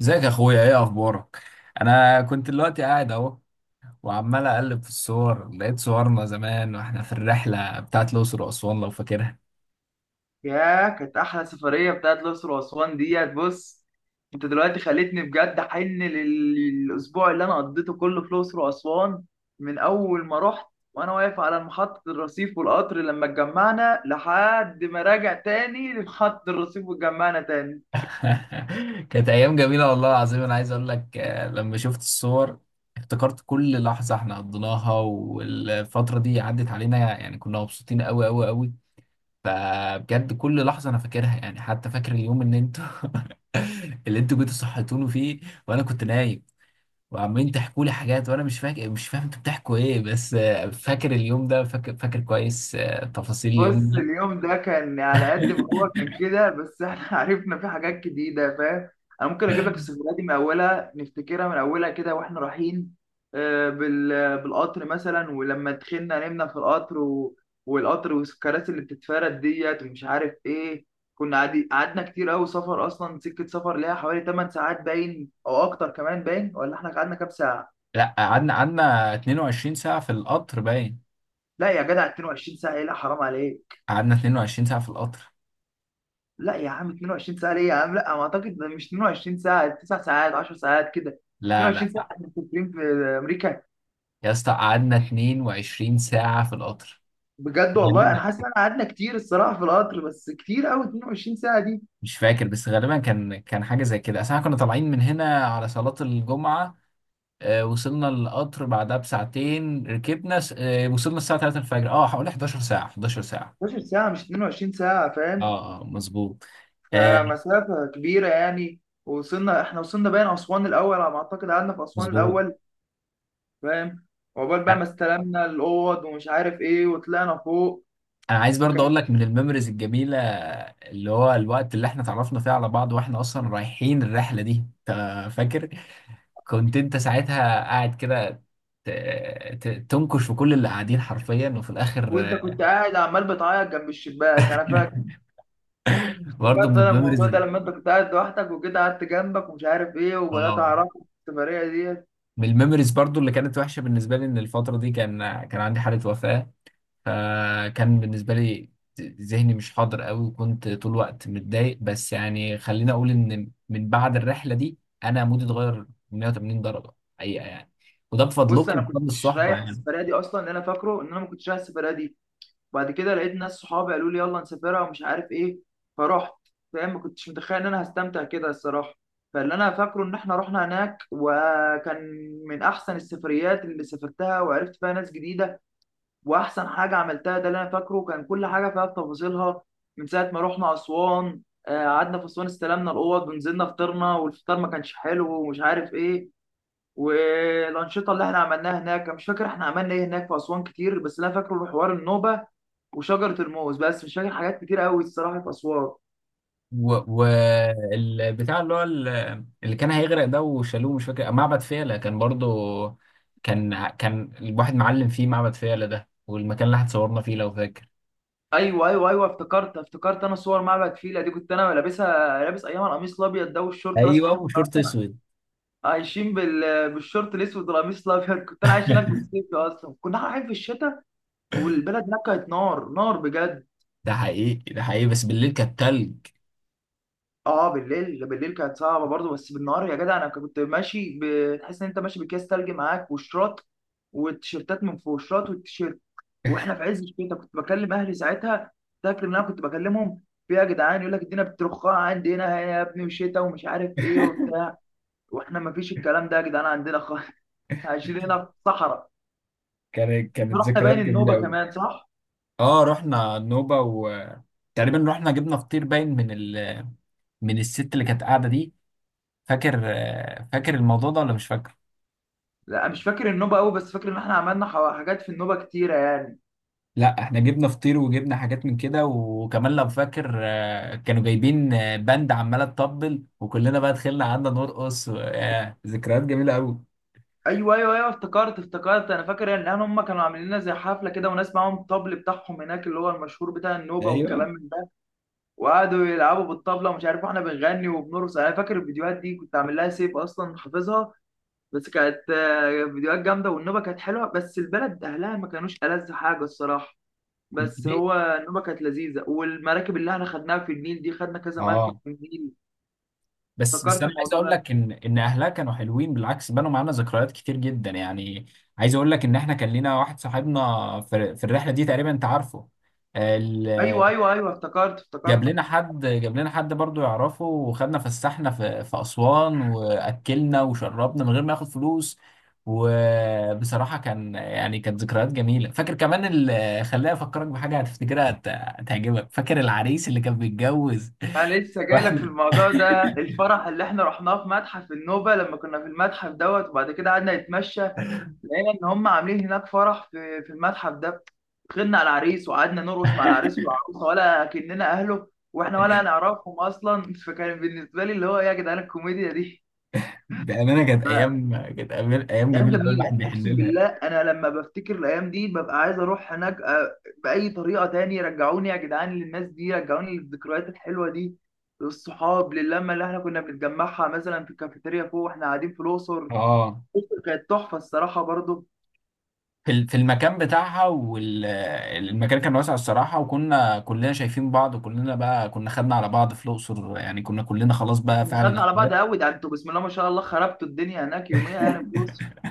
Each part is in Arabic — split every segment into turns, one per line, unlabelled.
ازيك يا اخويا، ايه اخبارك؟ انا كنت دلوقتي قاعد اهو، وعمال اقلب في الصور، لقيت صورنا زمان واحنا في الرحله بتاعت الاقصر واسوان، لو فاكرها.
ياه، كانت احلى سفريه بتاعت الاقصر واسوان ديت. بص، انت دلوقتي خليتني بجد احن للاسبوع اللي انا قضيته كله في الاقصر واسوان، من اول ما رحت وانا واقف على محطه الرصيف والقطر لما اتجمعنا لحد ما راجع تاني لمحطه الرصيف واتجمعنا تاني.
كانت ايام جميله والله العظيم. انا عايز اقول لك، لما شفت الصور افتكرت كل لحظه احنا قضيناها، والفتره دي عدت علينا، يعني كنا مبسوطين قوي قوي قوي. فبجد كل لحظه انا فاكرها، يعني حتى فاكر اليوم ان انتوا اللي انتوا جيتوا صحيتوني فيه وانا كنت نايم، وعمالين تحكوا لي حاجات وانا مش فاكر، مش فاهم انتوا بتحكوا ايه، بس فاكر اليوم ده، فاكر فاكر كويس، تفاصيل اليوم
بص،
ده.
اليوم ده كان على قد ما هو كان كده، بس احنا عرفنا فيه حاجات جديدة، فاهم؟ انا ممكن اجيب لك السفرية دي من اولها، نفتكرها من اولها كده واحنا رايحين بالقطر مثلا، ولما دخلنا نمنا في القطر والقطر والكراسي اللي بتتفرد ديت ومش عارف ايه. كنا قعدنا كتير قوي. سفر اصلا، سكة سفر ليها حوالي 8 ساعات باين او اكتر كمان باين، ولا احنا قعدنا كام ساعة؟
لا، قعدنا 22 ساعة في القطر باين.
لا يا جدع، 22 ساعة ايه، لا حرام عليك.
قعدنا 22 ساعة في القطر.
لا يا عم، 22 ساعة ليه يا عم، لا ما اعتقد، ده مش 22 ساعة، 9 ساعات 10 ساعات كده.
لا
22
لا،
ساعة؟ احنا مسافرين في امريكا؟
يا اسطى قعدنا 22 ساعة في القطر.
بجد والله انا
غالباً.
حاسس ان احنا قعدنا كتير الصراحة في القطر، بس كتير قوي 22 ساعة دي.
مش فاكر، بس غالبا كان حاجة زي كده، اصل احنا كنا طالعين من هنا على صلاة الجمعة. وصلنا القطر بعدها بساعتين، ركبنا س- آه، وصلنا الساعة 3 الفجر، حوالي 11 ساعة، 11 ساعة.
12 ساعة مش 22 ساعة، فاهم؟
اه اه مظبوط. آه،
فمسافة كبيرة يعني. وصلنا احنا، وصلنا باين اسوان الاول على ما اعتقد، قعدنا في اسوان
مظبوط.
الاول، فاهم؟ وعقبال بقى
انا
ما استلمنا الاوض ومش عارف ايه وطلعنا فوق.
أنا عايز برضه اقول
فكان،
لك من الميموريز الجميله، اللي هو الوقت اللي احنا اتعرفنا فيه على بعض واحنا اصلا رايحين الرحله دي. انت فاكر؟ كنت انت ساعتها قاعد كده، ت- تنكش في كل اللي قاعدين حرفيا، وفي الاخر.
وانت كنت قاعد عمال بتعيط جنب الشباك، انا فاكر.
برضه
فكرت
من
انا
الميموريز
الموضوع ده لما انت كنت قاعد لوحدك، وجيت قعدت جنبك ومش عارف ايه وبدات
اه،
اعرفك في السفريه ديت.
من الميموريز برضه اللي كانت وحشه بالنسبه لي، ان الفتره دي كان عندي حاله وفاه، فكان بالنسبة لي ذهني مش حاضر قوي، وكنت طول الوقت متضايق. بس يعني خليني أقول إن من بعد الرحلة دي أنا مودي اتغير 180 درجة حقيقة يعني، وده
بص،
بفضلكم
انا
وبفضل
كنتش
الصحبة
رايح
يعني.
السفريه دي اصلا، اللي انا فاكره ان انا ما كنتش رايح السفريه دي. وبعد كده لقيت ناس صحابي قالوا لي يلا نسافرها ومش عارف ايه، فرحت. فاهم؟ ما كنتش متخيل ان انا هستمتع كده الصراحه. فاللي انا فاكره ان احنا رحنا هناك وكان من احسن السفريات اللي سافرتها وعرفت فيها ناس جديده. واحسن حاجه عملتها، ده اللي انا فاكره، كان كل حاجه فيها بتفاصيلها. من ساعه ما رحنا اسوان قعدنا في اسوان استلمنا الاوض ونزلنا فطرنا والفطار ما كانش حلو ومش عارف ايه. والانشطه اللي احنا عملناها هناك، أنا مش فاكر احنا عملنا ايه هناك في اسوان كتير، بس اللي انا فاكره حوار النوبه وشجره الموز، بس مش فاكر حاجات كتير قوي الصراحه في اسوان.
والبتاع اللي هو اللي كان هيغرق ده وشالوه، مش فاكر، معبد فيلة كان برضو، كان الواحد معلم فيه معبد فيلة ده، والمكان اللي اتصورنا فيه لو فاكر.
ايوه، ايوه، ايوه، افتكرت. انا صور معبد فيلة دي كنت انا لابسها، لابس ايام القميص الابيض ده والشورت الاسود.
ايوه،
احنا كنا
وشورت
اصلا
اسود.
عايشين بالشورت الاسود والقميص الابيض، كنت انا عايش هناك بالصيف اصلا، كنا رايحين في الشتاء. والبلد هناك كانت نار نار بجد.
ده حقيقي، ده حقيقي، بس بالليل كانت تلج.
اه، بالليل بالليل كانت صعبه برضه، بس بالنهار يا جدع انا كنت ماشي، بتحس ان انت ماشي باكياس تلج معاك وشراط، والتيشيرتات من فوق الشراط والتيشيرت، واحنا في عز الشتاء. كنت بكلم اهلي ساعتها، فاكر ان انا كنت بكلمهم، في إيه يا جدعان، يقول لك الدنيا بترخاء عندي هنا يا ابني وشتاء ومش عارف ايه وبتاع. واحنا ما فيش الكلام ده يا جدعان عندنا خالص. عايشين هنا في صحراء.
كانت
رحنا
ذكريات
باين
جميله
النوبة
قوي.
كمان، صح؟
اه، رحنا نوبه، وتقريبا رحنا جبنا فطير باين من من الست اللي كانت قاعده دي. فاكر فاكر الموضوع ده ولا مش فاكر؟
لا، مش فاكر النوبة قوي، بس فاكر ان احنا عملنا حاجات في النوبة كتيرة يعني.
لا، احنا جبنا فطير وجبنا حاجات من كده، وكمان لو فاكر، كانوا جايبين باند عماله تطبل، وكلنا بقى دخلنا قعدنا نرقص، ذكريات جميله قوي.
ايوه، ايوه، ايوه، افتكرت. انا فاكر يعني ان هم كانوا عاملين لنا زي حفلة كده، وناس معاهم الطبل بتاعهم هناك اللي هو المشهور بتاع النوبة والكلام
ايوه.
من ده. وقعدوا يلعبوا بالطبلة ومش عارف، احنا بنغني وبنرقص. انا فاكر الفيديوهات دي كنت عامل لها سيف اصلا، حافظها. بس كانت فيديوهات جامدة، والنوبة كانت حلوة، بس البلد اهلها ما كانوش ألذ حاجة الصراحة. بس
ليه؟
هو النوبة كانت لذيذة، والمراكب اللي احنا خدناها في النيل دي، خدنا كذا مركب
اه
في النيل.
بس بس
افتكرت
انا عايز
الموضوع
اقول
ده.
لك ان اهلها كانوا حلوين، بالعكس بنوا معانا ذكريات كتير جدا يعني. عايز اقول لك ان احنا كان لينا واحد صاحبنا في الرحله دي، تقريبا انت عارفه ال-
ايوه، ايوه، ايوه، افتكرت
جاب
افتكرت
لنا حد جاب لنا حد برضو يعرفه، وخدنا فسحنا في اسوان، واكلنا وشربنا من غير ما ياخد فلوس. وبصراحه كان يعني، كانت ذكريات جميله. فاكر كمان، خليني افكرك بحاجه هتفتكرها، هتعجبك. فاكر العريس اللي كان بيتجوز؟
انا لسه جاي لك في
واحنا
الموضوع ده، الفرح اللي احنا رحناه في متحف النوبه لما كنا في المتحف دوت، وبعد كده قعدنا نتمشى، لقينا ان هم عاملين هناك فرح في المتحف ده. دخلنا على العريس وقعدنا نرقص مع العريس والعروسه ولا كأننا اهله، واحنا ولا نعرفهم اصلا. فكان بالنسبه لي اللي هو إيه يا جدعان، الكوميديا دي.
بأمانة كانت أيام كانت أيام أيام
ايام
جميلة أوي، الواحد
جميله
بيحن
اقسم
لها.
بالله. انا لما بفتكر الايام دي ببقى عايز اروح هناك باي طريقه تاني. رجعوني يا جدعان للناس دي، رجعوني للذكريات الحلوه دي، للصحاب، للمه اللي احنا كنا بنتجمعها مثلا في الكافيتيريا فوق واحنا قاعدين في الاقصر.
أه،
الأقصر كانت تحفه الصراحه برضو.
في المكان بتاعها، والمكان كان واسع الصراحة، وكنا كلنا شايفين بعض، وكلنا بقى كنا خدنا على بعض في الأقصر، يعني كنا كلنا خلاص بقى
كنا
فعلا
خدنا على بعض
إخوات.
قوي، ده انتوا بسم الله ما شاء الله خربتوا الدنيا هناك يوميها يعني في الاقصر.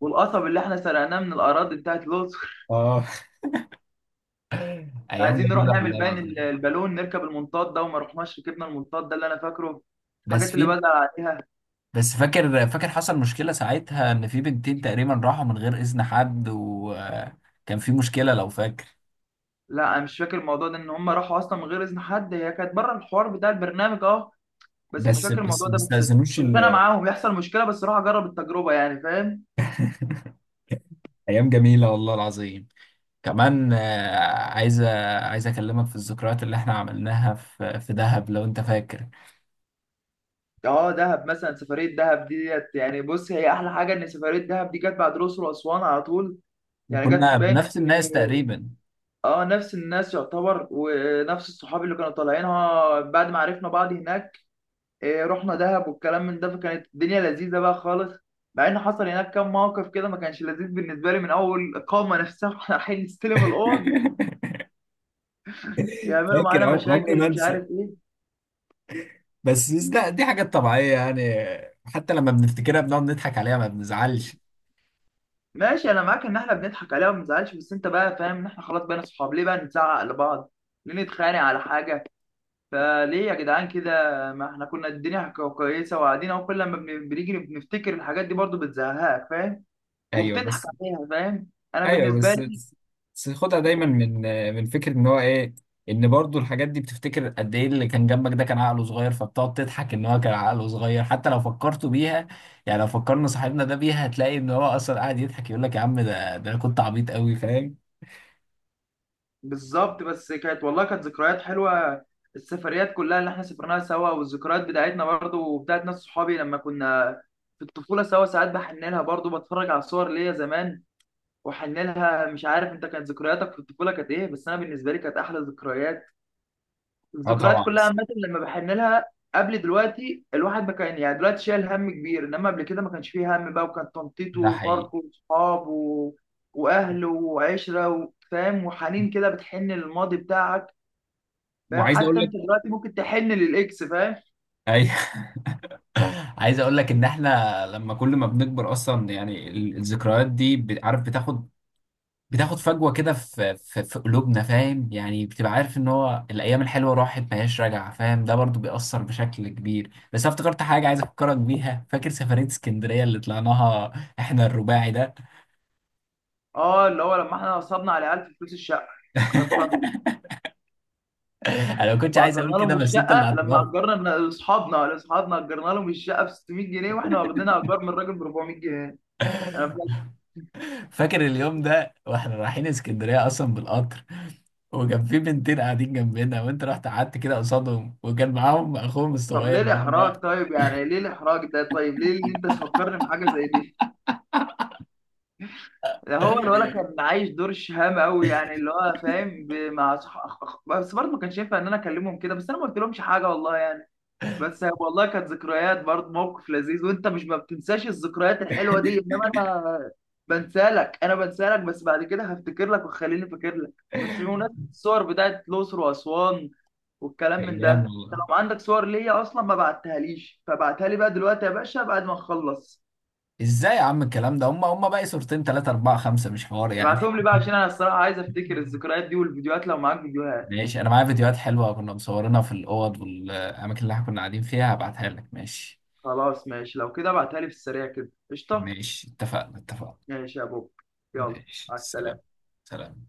والقصب اللي احنا سرقناه من الاراضي بتاعت الاقصر.
أه أيام
عايزين نروح
جميلة
نعمل
والله
باين
العظيم.
البالون، نركب المنطاد ده، وما رحناش ركبنا المنطاد ده اللي انا فاكره،
بس
الحاجات اللي
في
بزعل عليها.
بس فاكر فاكر حصل مشكلة ساعتها إن في بنتين تقريبا راحوا من غير إذن حد، وكان في مشكلة لو فاكر.
لا، انا مش فاكر الموضوع ده، ان هم راحوا اصلا من غير اذن حد، هي كانت بره الحوار بتاع البرنامج، اه. بس مش
بس
فاكر
بس
الموضوع
ما
ده بس.
استأذنوش
بس انا معاهم يحصل مشكله، بس راح اجرب التجربه يعني، فاهم؟
أيام جميلة والله العظيم. كمان عايز عايز اكلمك في الذكريات اللي احنا عملناها في دهب لو انت فاكر.
اه، دهب مثلا، سفريه دهب دي ديت يعني، بص هي احلى حاجه ان سفريه دهب دي جت بعد الاقصر واسوان على طول. يعني جت في
وكنا
باين
بنفس
في،
الناس تقريبا.
اه، نفس الناس يعتبر ونفس الصحاب اللي كانوا طالعينها بعد ما عرفنا بعض هناك. رحنا دهب والكلام من ده، فكانت الدنيا لذيذه بقى خالص. مع ان حصل هناك كام موقف كده ما كانش لذيذ بالنسبه لي، من اول الاقامه نفسها واحنا رايحين نستلم الاوض، يعملوا
فاكر،
معانا
عمري
مشاكل
ما
ومش
انسى،
عارف ايه.
بس دي حاجات طبيعية يعني، حتى لما بنفتكرها بنقعد نضحك عليها، ما بنزعلش.
ماشي، انا معاك ان احنا بنضحك عليها وما نزعلش، بس انت بقى فاهم ان احنا خلاص بقينا صحاب، ليه بقى نزعق لبعض، ليه نتخانق على حاجه، فليه يا جدعان كده؟ ما احنا كنا الدنيا كويسه وقاعدين اهو، كل لما بنيجي بنفتكر الحاجات دي برضو بتزهقك، فاهم؟
ايوه
وبتضحك
بس،
عليها، فاهم؟ انا
ايوه
بالنسبه
بس، بس خدها
لي،
دايما من فكره ان هو ايه، ان برضو الحاجات دي بتفتكر قد ايه، اللي كان جنبك ده كان عقله صغير، فبتقعد تضحك ان هو كان عقله صغير، حتى لو فكرتوا بيها، يعني لو فكرنا صاحبنا ده بيها، هتلاقي ان هو اصلا قاعد يضحك، يقول لك: يا عم ده، انا كنت عبيط قوي فاهم.
بالظبط. بس كانت والله كانت ذكريات حلوه، السفريات كلها اللي احنا سافرناها سوا، والذكريات بتاعتنا برضو وبتاعت ناس صحابي لما كنا في الطفوله سوا، ساعات بحن لها برضو، بتفرج على صور ليا زمان واحن لها. مش عارف انت كانت ذكرياتك في الطفوله كانت ايه، بس انا بالنسبه لي كانت احلى ذكريات،
اه طبعا،
الذكريات كلها
بس
عامه لما بحن لها. قبل دلوقتي الواحد ما كان يعني، دلوقتي شايل هم كبير، انما قبل كده ما كانش فيه هم بقى، وكان تنطيطه
ده حقيقي،
وفرقه وصحابه واهله وعشره فاهم، وحنين كده بتحن للماضي بتاعك. فاهم؟
وعايز اقول
حتى
لك.
انت دلوقتي ممكن تحن للاكس، فاهم؟
ايوه. عايز اقول لك ان احنا لما كل ما بنكبر اصلا، يعني الذكريات دي عارف بتاخد، فجوه كده في قلوبنا فاهم، يعني بتبقى عارف ان هو الايام الحلوه راحت ما هياش راجعه فاهم، ده برضو بيأثر بشكل كبير. بس انا افتكرت حاجه، عايز افكرك بيها. فاكر سفريه اسكندريه اللي طلعناها احنا الرباعي ده؟
اه، اللي هو لما احنا نصبنا على عيال في فلوس الشقه، افتكرتها.
انا ما كنتش
لما
عايز اقول
اجرنا
كده،
لهم
بس انت اللي
الشقه، لما
هتضاف.
اجرنا لاصحابنا اجرنا لهم الشقه ب 600 جنيه، واحنا واخدين ايجار من الراجل ب 400 جنيه، انا فاهم.
فاكر اليوم ده واحنا رايحين اسكندريه اصلا بالقطر، وكان في بنتين قاعدين جنبنا، وانت رحت قعدت كده قصادهم، وكان معاهم اخوهم
طب ليه
الصغير ده.
الاحراج، طيب يعني ليه الاحراج ده، طيب ليه ان انت تفكرني بحاجه زي دي؟ ده هو الولد كان عايش دور الشهامه قوي يعني، اللي هو فاهم مع بس برضه ما كانش ينفع ان انا اكلمهم كده، بس انا ما قلت لهمش حاجه والله يعني. بس والله كانت ذكريات برضه، موقف لذيذ وانت مش ما بتنساش الذكريات الحلوه دي، انما انا بنسالك بس، بعد كده هفتكر لك وخليني فاكر لك بس بمناسبه الصور بتاعت الاقصر واسوان والكلام من ده.
ايام
انت
والله!
لو عندك صور ليا اصلا ما بعتهاليش، فبعتها لي بقى دلوقتي يا باشا بعد ما نخلص.
ازاي يا عم الكلام ده، هم باقي صورتين، ثلاثة، أربعة، خمسة، مش حوار يعني.
ابعتهم لي بقى عشان انا الصراحه عايز افتكر الذكريات دي، والفيديوهات لو معاك فيديوهات.
ماشي، أنا معايا فيديوهات حلوة كنا مصورينها في الأوض والأماكن اللي احنا كنا قاعدين فيها، هبعتها لك ماشي.
خلاص ماشي، لو كده ابعتها لي في السريع كده، قشطه.
ماشي، اتفقنا اتفقنا.
ماشي يا بوب، يلا.
ماشي
على
سلام.
السلامه.
سلام.